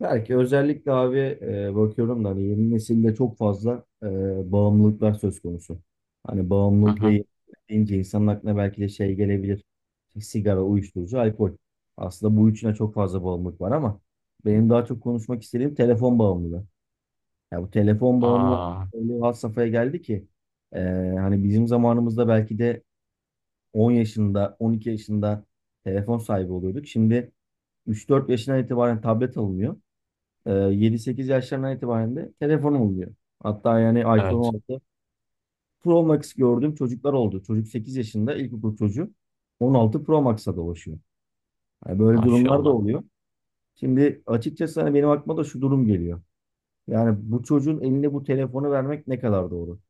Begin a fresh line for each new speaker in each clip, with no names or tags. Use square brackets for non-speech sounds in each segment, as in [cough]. Belki özellikle abi bakıyorum da hani yeni nesilde çok fazla bağımlılıklar söz konusu. Hani
Hı
bağımlılık ve
hı.
yenilik deyince insanın aklına belki de şey gelebilir. İşte sigara, uyuşturucu, alkol. Aslında bu üçüne çok fazla bağımlılık var ama benim daha çok konuşmak istediğim telefon bağımlılığı. Ya bu telefon bağımlılığı
Aa,
öyle bir had safhaya geldi ki e, hani bizim zamanımızda belki de 10 yaşında, 12 yaşında telefon sahibi oluyorduk. Şimdi 3-4 yaşından itibaren tablet alınıyor, 7-8 yaşlarından itibaren de telefonum oluyor. Hatta yani iPhone
evet.
16 Pro Max gördüğüm çocuklar oldu. Çocuk 8 yaşında ilkokul çocuğu, 16 Pro Max'a dolaşıyor. Yani böyle durumlar da
Maşallah.
oluyor. Şimdi açıkçası hani benim aklıma da şu durum geliyor. Yani bu çocuğun eline bu telefonu vermek ne kadar doğru?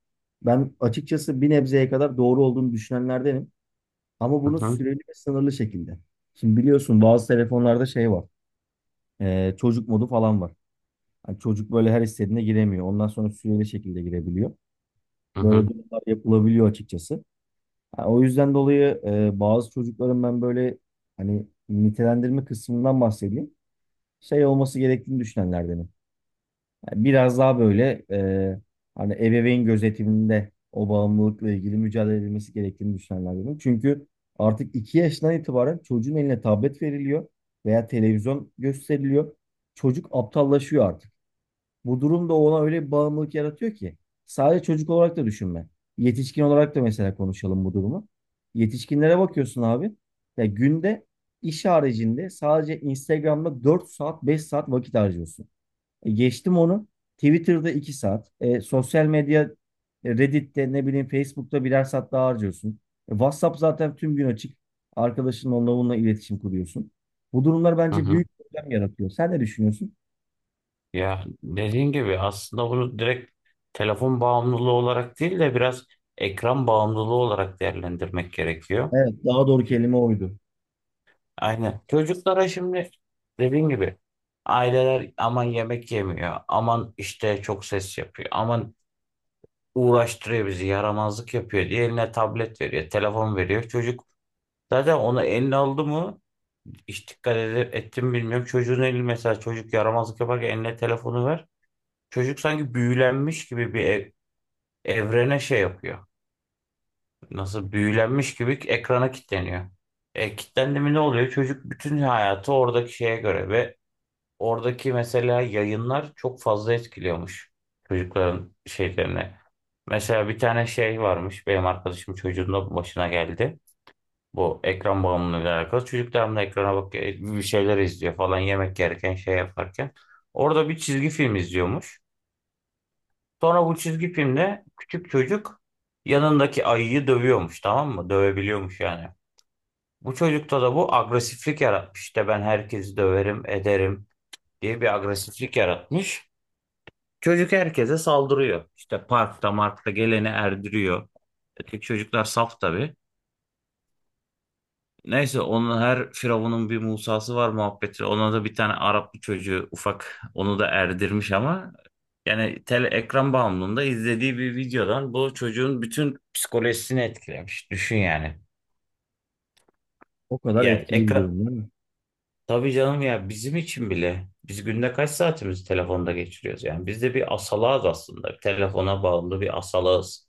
Ben açıkçası bir nebzeye kadar doğru olduğunu düşünenlerdenim. Ama
Hı
bunu
hı.
süreli ve sınırlı şekilde. Şimdi biliyorsun bazı telefonlarda şey var. Çocuk modu falan var. Hani çocuk böyle her istediğine giremiyor. Ondan sonra süreli şekilde girebiliyor.
Hı
Böyle
hı.
durumlar yapılabiliyor açıkçası. Ha, o yüzden dolayı bazı çocukların ben böyle hani nitelendirme kısmından bahsedeyim. Şey olması gerektiğini düşünenlerdenim. Yani biraz daha böyle hani ebeveyn gözetiminde o bağımlılıkla ilgili mücadele edilmesi gerektiğini düşünenlerdenim. Çünkü artık 2 yaşından itibaren çocuğun eline tablet veriliyor veya televizyon gösteriliyor. Çocuk aptallaşıyor artık. Bu durum da ona öyle bir bağımlılık yaratıyor ki. Sadece çocuk olarak da düşünme. Yetişkin olarak da mesela konuşalım bu durumu. Yetişkinlere bakıyorsun abi. Ya günde iş haricinde sadece Instagram'da 4 saat 5 saat vakit harcıyorsun. E geçtim onu. Twitter'da 2 saat. Sosyal medya Reddit'te ne bileyim Facebook'ta birer saat daha harcıyorsun. WhatsApp zaten tüm gün açık. Arkadaşınla onunla bununla iletişim kuruyorsun. Bu durumlar
Hı
bence
hı.
büyük problem yaratıyor. Sen ne düşünüyorsun?
Ya dediğin gibi aslında bunu direkt telefon bağımlılığı olarak değil de biraz ekran bağımlılığı olarak değerlendirmek gerekiyor.
Evet, daha doğru
Şi-
kelime oydu.
Aynen. Çocuklara şimdi dediğin gibi aileler aman yemek yemiyor, aman işte çok ses yapıyor, aman uğraştırıyor bizi, yaramazlık yapıyor diye eline tablet veriyor, telefon veriyor. Çocuk zaten onu eline aldı mı, hiç dikkat edip ettim bilmiyorum. Çocuğun eli mesela, çocuk yaramazlık yaparken eline telefonu ver. Çocuk sanki büyülenmiş gibi evrene şey yapıyor. Nasıl büyülenmiş gibi ekrana kilitleniyor. Kilitlendi mi ne oluyor? Çocuk bütün hayatı oradaki şeye göre ve oradaki mesela yayınlar çok fazla etkiliyormuş çocukların şeylerine. Mesela bir tane şey varmış, benim arkadaşım çocuğun da başına geldi. Bu ekran bağımlılığıyla alakalı. Çocuk devamlı ekrana bakıyor, bir şeyler izliyor falan, yemek yerken şey yaparken. Orada bir çizgi film izliyormuş. Sonra bu çizgi filmde küçük çocuk yanındaki ayıyı dövüyormuş, tamam mı? Dövebiliyormuş yani. Bu çocukta da bu agresiflik yaratmış. İşte ben herkesi döverim, ederim diye bir agresiflik yaratmış. Çocuk herkese saldırıyor. İşte parkta markta geleni erdiriyor. Öteki çocuklar saf tabii. Neyse, onun her firavunun bir Musa'sı var muhabbeti. Ona da bir tane Arap bir çocuğu ufak, onu da erdirmiş ama yani tele ekran bağımlılığında izlediği bir videodan bu çocuğun bütün psikolojisini etkilemiş. Düşün yani.
O kadar
Yani
etkili bir
ekran,
durum değil mi?
tabii canım ya, bizim için bile biz günde kaç saatimizi telefonda geçiriyoruz yani. Biz de bir asalağız aslında. Telefona bağımlı bir asalağız.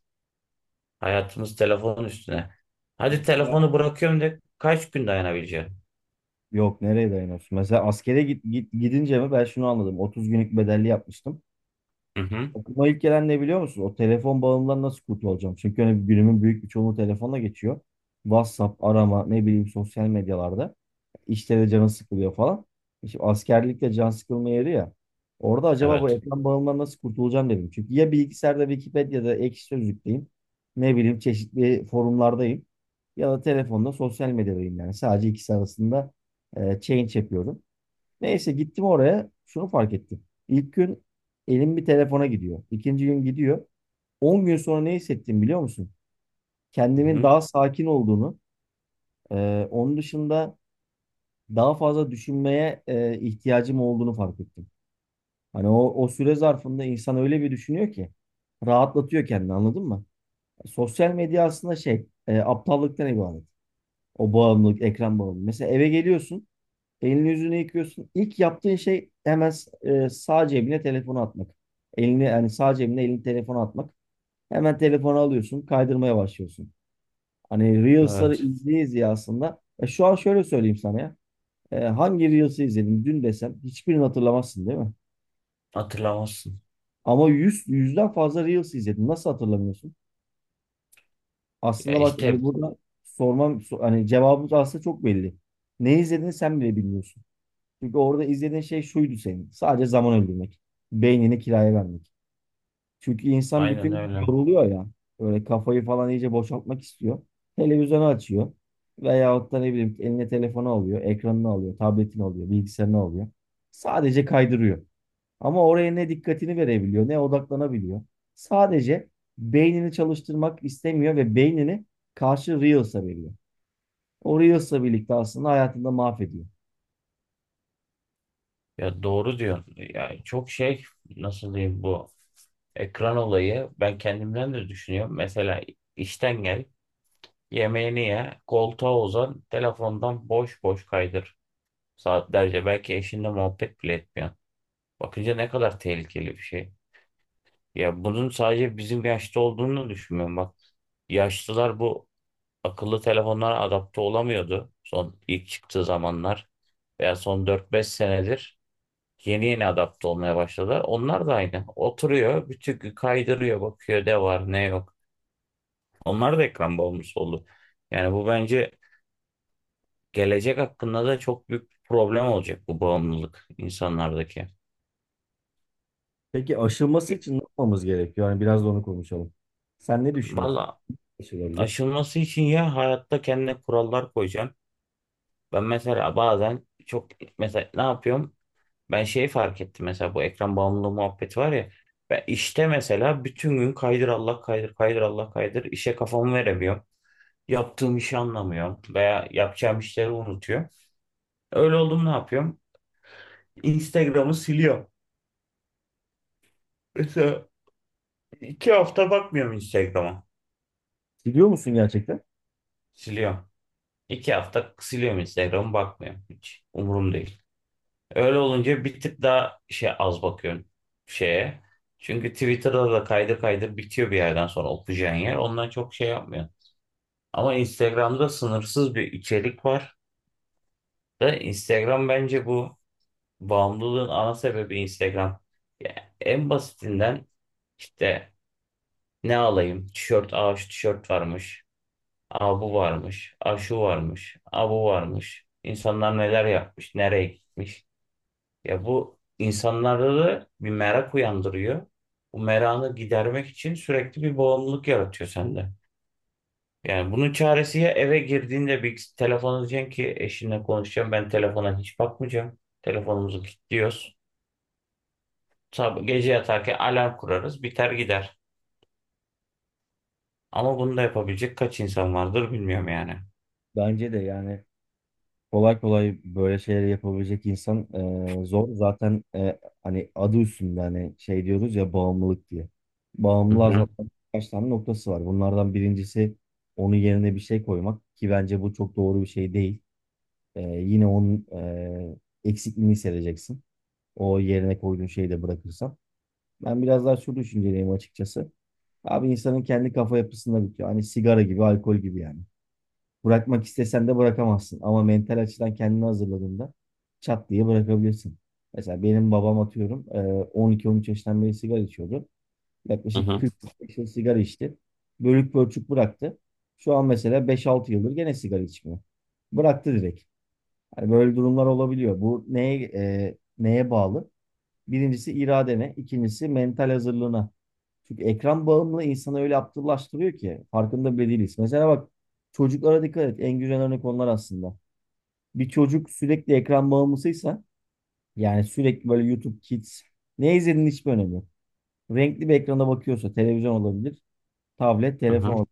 Hayatımız telefon üstüne. Hadi
Mesela
telefonu bırakıyorum de, kaç gün dayanabileceğim?
yok nereye dayanıyorsun? Mesela askere git, gidince mi ben şunu anladım. 30 günlük bedelli yapmıştım.
Hı hı.
Aklıma ilk gelen ne biliyor musun? O telefon bağımlılığından nasıl kurtulacağım? Çünkü hani günümün büyük bir çoğunluğu telefonla geçiyor. WhatsApp, arama, ne bileyim sosyal medyalarda. İşte de canı sıkılıyor falan. İşte askerlikte can sıkılma yeri ya. Orada acaba bu
Evet.
ekran bağımlılığından nasıl kurtulacağım dedim. Çünkü ya bilgisayarda Wikipedia'da Ekşi Sözlük'teyim. Ne bileyim çeşitli forumlardayım. Ya da telefonda sosyal medyadayım yani. Sadece ikisi arasında change yapıyorum. Neyse gittim oraya. Şunu fark ettim. İlk gün elim bir telefona gidiyor. İkinci gün gidiyor. 10 gün sonra ne hissettim biliyor musun?
Hı
Kendimin
hı.
daha sakin olduğunu, onun dışında daha fazla düşünmeye ihtiyacım olduğunu fark ettim. Hani o süre zarfında insan öyle bir düşünüyor ki rahatlatıyor kendini anladın mı? Sosyal medya aslında şey aptallıktan ibaret. O bağımlılık, ekran bağımlılığı. Mesela eve geliyorsun. Elini yüzünü yıkıyorsun. İlk yaptığın şey hemen sağ cebine telefonu atmak. Elini yani sağ cebine elini telefonu atmak. Hemen telefonu alıyorsun, kaydırmaya başlıyorsun. Hani Reels'ları
Evet.
izleye izleye aslında. Şu an şöyle söyleyeyim sana ya. Hangi Reels'ı izledim dün desem hiçbirini hatırlamazsın değil mi?
Hatırlamazsın.
Ama 100 yüzden fazla Reels izledim. Nasıl hatırlamıyorsun?
Ya
Aslında bak
işte
hani burada sormam hani cevabımız aslında çok belli. Ne izlediğini sen bile bilmiyorsun. Çünkü orada izlediğin şey şuydu senin. Sadece zaman öldürmek. Beynini kiraya vermek. Çünkü insan bütün
aynen
gün
öyle.
yoruluyor ya. Böyle kafayı falan iyice boşaltmak istiyor. Televizyonu açıyor. Veyahut da ne bileyim eline telefonu alıyor. Ekranını alıyor. Tabletini alıyor. Bilgisayarını alıyor. Sadece kaydırıyor. Ama oraya ne dikkatini verebiliyor ne odaklanabiliyor. Sadece beynini çalıştırmak istemiyor ve beynini karşı Reels'a veriyor. O Reels'la birlikte aslında hayatında mahvediyor.
Ya doğru diyor. Ya çok şey, nasıl diyeyim, bu ekran olayı ben kendimden de düşünüyorum. Mesela işten gel, yemeğini ye, koltuğa uzan, telefondan boş boş kaydır saatlerce. Belki eşinle muhabbet bile etmiyorsun. Bakınca ne kadar tehlikeli bir şey. Ya bunun sadece bizim yaşta olduğunu düşünmüyorum bak. Yaşlılar bu akıllı telefonlara adapte olamıyordu son, ilk çıktığı zamanlar, veya son 4-5 senedir yeni yeni adapte olmaya başladılar. Onlar da aynı. Oturuyor, bütün gün kaydırıyor, bakıyor ne var ne yok. Onlar da ekran bağımlısı oldu. Yani bu bence gelecek hakkında da çok büyük bir problem olacak, bu bağımlılık insanlardaki.
Peki aşılması için ne yapmamız gerekiyor? Yani biraz da onu konuşalım. Sen ne düşünüyorsun?
Valla,
Aşılabilir.
aşılması için ya hayatta kendine kurallar koyacaksın. Ben mesela bazen çok, mesela ne yapıyorum? Ben şey fark ettim mesela, bu ekran bağımlılığı muhabbeti var ya. Ben işte mesela bütün gün kaydır Allah kaydır, kaydır Allah kaydır, işe kafamı veremiyorum. Yaptığım işi anlamıyorum veya yapacağım işleri unutuyor. Öyle oldum, ne yapıyorum? Instagram'ı siliyorum. Mesela 2 hafta bakmıyorum Instagram'a.
Biliyor musun gerçekten?
Siliyorum. 2 hafta siliyorum, Instagram'ı bakmıyorum. Hiç umurum değil. Öyle olunca bir tık daha şey, az bakıyorum şeye. Çünkü Twitter'da da kaydır kaydır bitiyor bir yerden sonra okuyacağın yer. Ondan çok şey yapmıyor. Ama Instagram'da sınırsız bir içerik var. Ve Instagram bence bu bağımlılığın ana sebebi Instagram. Ya en basitinden işte ne alayım? Tişört. Aa, şu tişört varmış. Aa, bu varmış. Aa, şu varmış. Aa, bu varmış. İnsanlar neler yapmış, nereye gitmiş. Ya bu insanlarda da bir merak uyandırıyor. Bu merakı gidermek için sürekli bir bağımlılık yaratıyor sende. Yani bunun çaresi, ya eve girdiğinde bir telefon diyeceksin ki eşinle konuşacağım, ben telefona hiç bakmayacağım. Telefonumuzu kilitliyoruz. Sabah gece yatarken alarm kurarız, biter gider. Ama bunu da yapabilecek kaç insan vardır bilmiyorum yani.
Bence de yani kolay kolay böyle şeyleri yapabilecek insan zor. Zaten hani adı üstünde hani şey diyoruz ya bağımlılık diye.
Hı
Bağımlılığa
hı,
zaten birkaç tane noktası var. Bunlardan birincisi onun yerine bir şey koymak ki bence bu çok doğru bir şey değil. Yine onun eksikliğini hissedeceksin. O yerine koyduğun şeyi de bırakırsan. Ben biraz daha şu düşünceliyim açıkçası. Abi insanın kendi kafa yapısında bitiyor. Hani sigara gibi, alkol gibi yani. Bırakmak istesen de bırakamazsın. Ama mental açıdan kendini hazırladığında çat diye bırakabilirsin. Mesela benim babam atıyorum 12-13 yaşından beri sigara içiyordu.
hı
Yaklaşık
hı,
40 yıl sigara içti. Bölük pörçük bıraktı. Şu an mesela 5-6 yıldır gene sigara içmiyor. Bıraktı direkt. Hani böyle durumlar olabiliyor. Bu neye bağlı? Birincisi iradene, ikincisi mental hazırlığına. Çünkü ekran bağımlı insanı öyle aptallaştırıyor ki farkında bile değiliz. Mesela bak çocuklara dikkat et. En güzel örnek onlar aslında. Bir çocuk sürekli ekran bağımlısıysa yani sürekli böyle YouTube Kids ne izlediğinin hiçbir önemi yok. Renkli bir ekrana bakıyorsa televizyon olabilir, tablet,
hı
telefon
hı.
olabilir.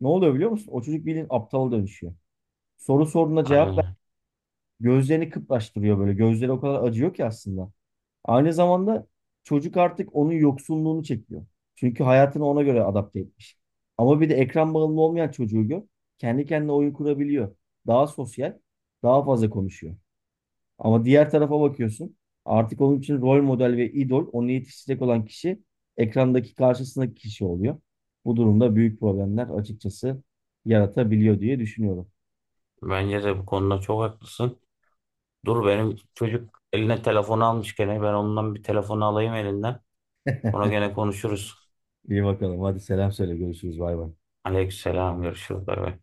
Ne oluyor biliyor musun? O çocuk bildiğin aptala dönüşüyor. Soru sorduğuna cevap ver.
Aynen.
Gözlerini kıpraştırıyor böyle. Gözleri o kadar acıyor ki aslında. Aynı zamanda çocuk artık onun yoksunluğunu çekiyor. Çünkü hayatını ona göre adapte etmiş. Ama bir de ekran bağımlı olmayan çocuğu gör. Kendi kendine oyun kurabiliyor. Daha sosyal, daha fazla konuşuyor. Ama diğer tarafa bakıyorsun. Artık onun için rol model ve idol onu yetiştirecek olan kişi ekrandaki karşısındaki kişi oluyor. Bu durumda büyük problemler açıkçası yaratabiliyor diye düşünüyorum.
Bence de bu konuda çok haklısın. Dur, benim çocuk eline telefonu almış gene, ben ondan bir telefonu alayım elinden. Sonra
[laughs]
gene konuşuruz.
İyi bakalım. Hadi selam söyle. Görüşürüz. Bay bay.
Aleykümselam. Görüşürüz. Bay bay.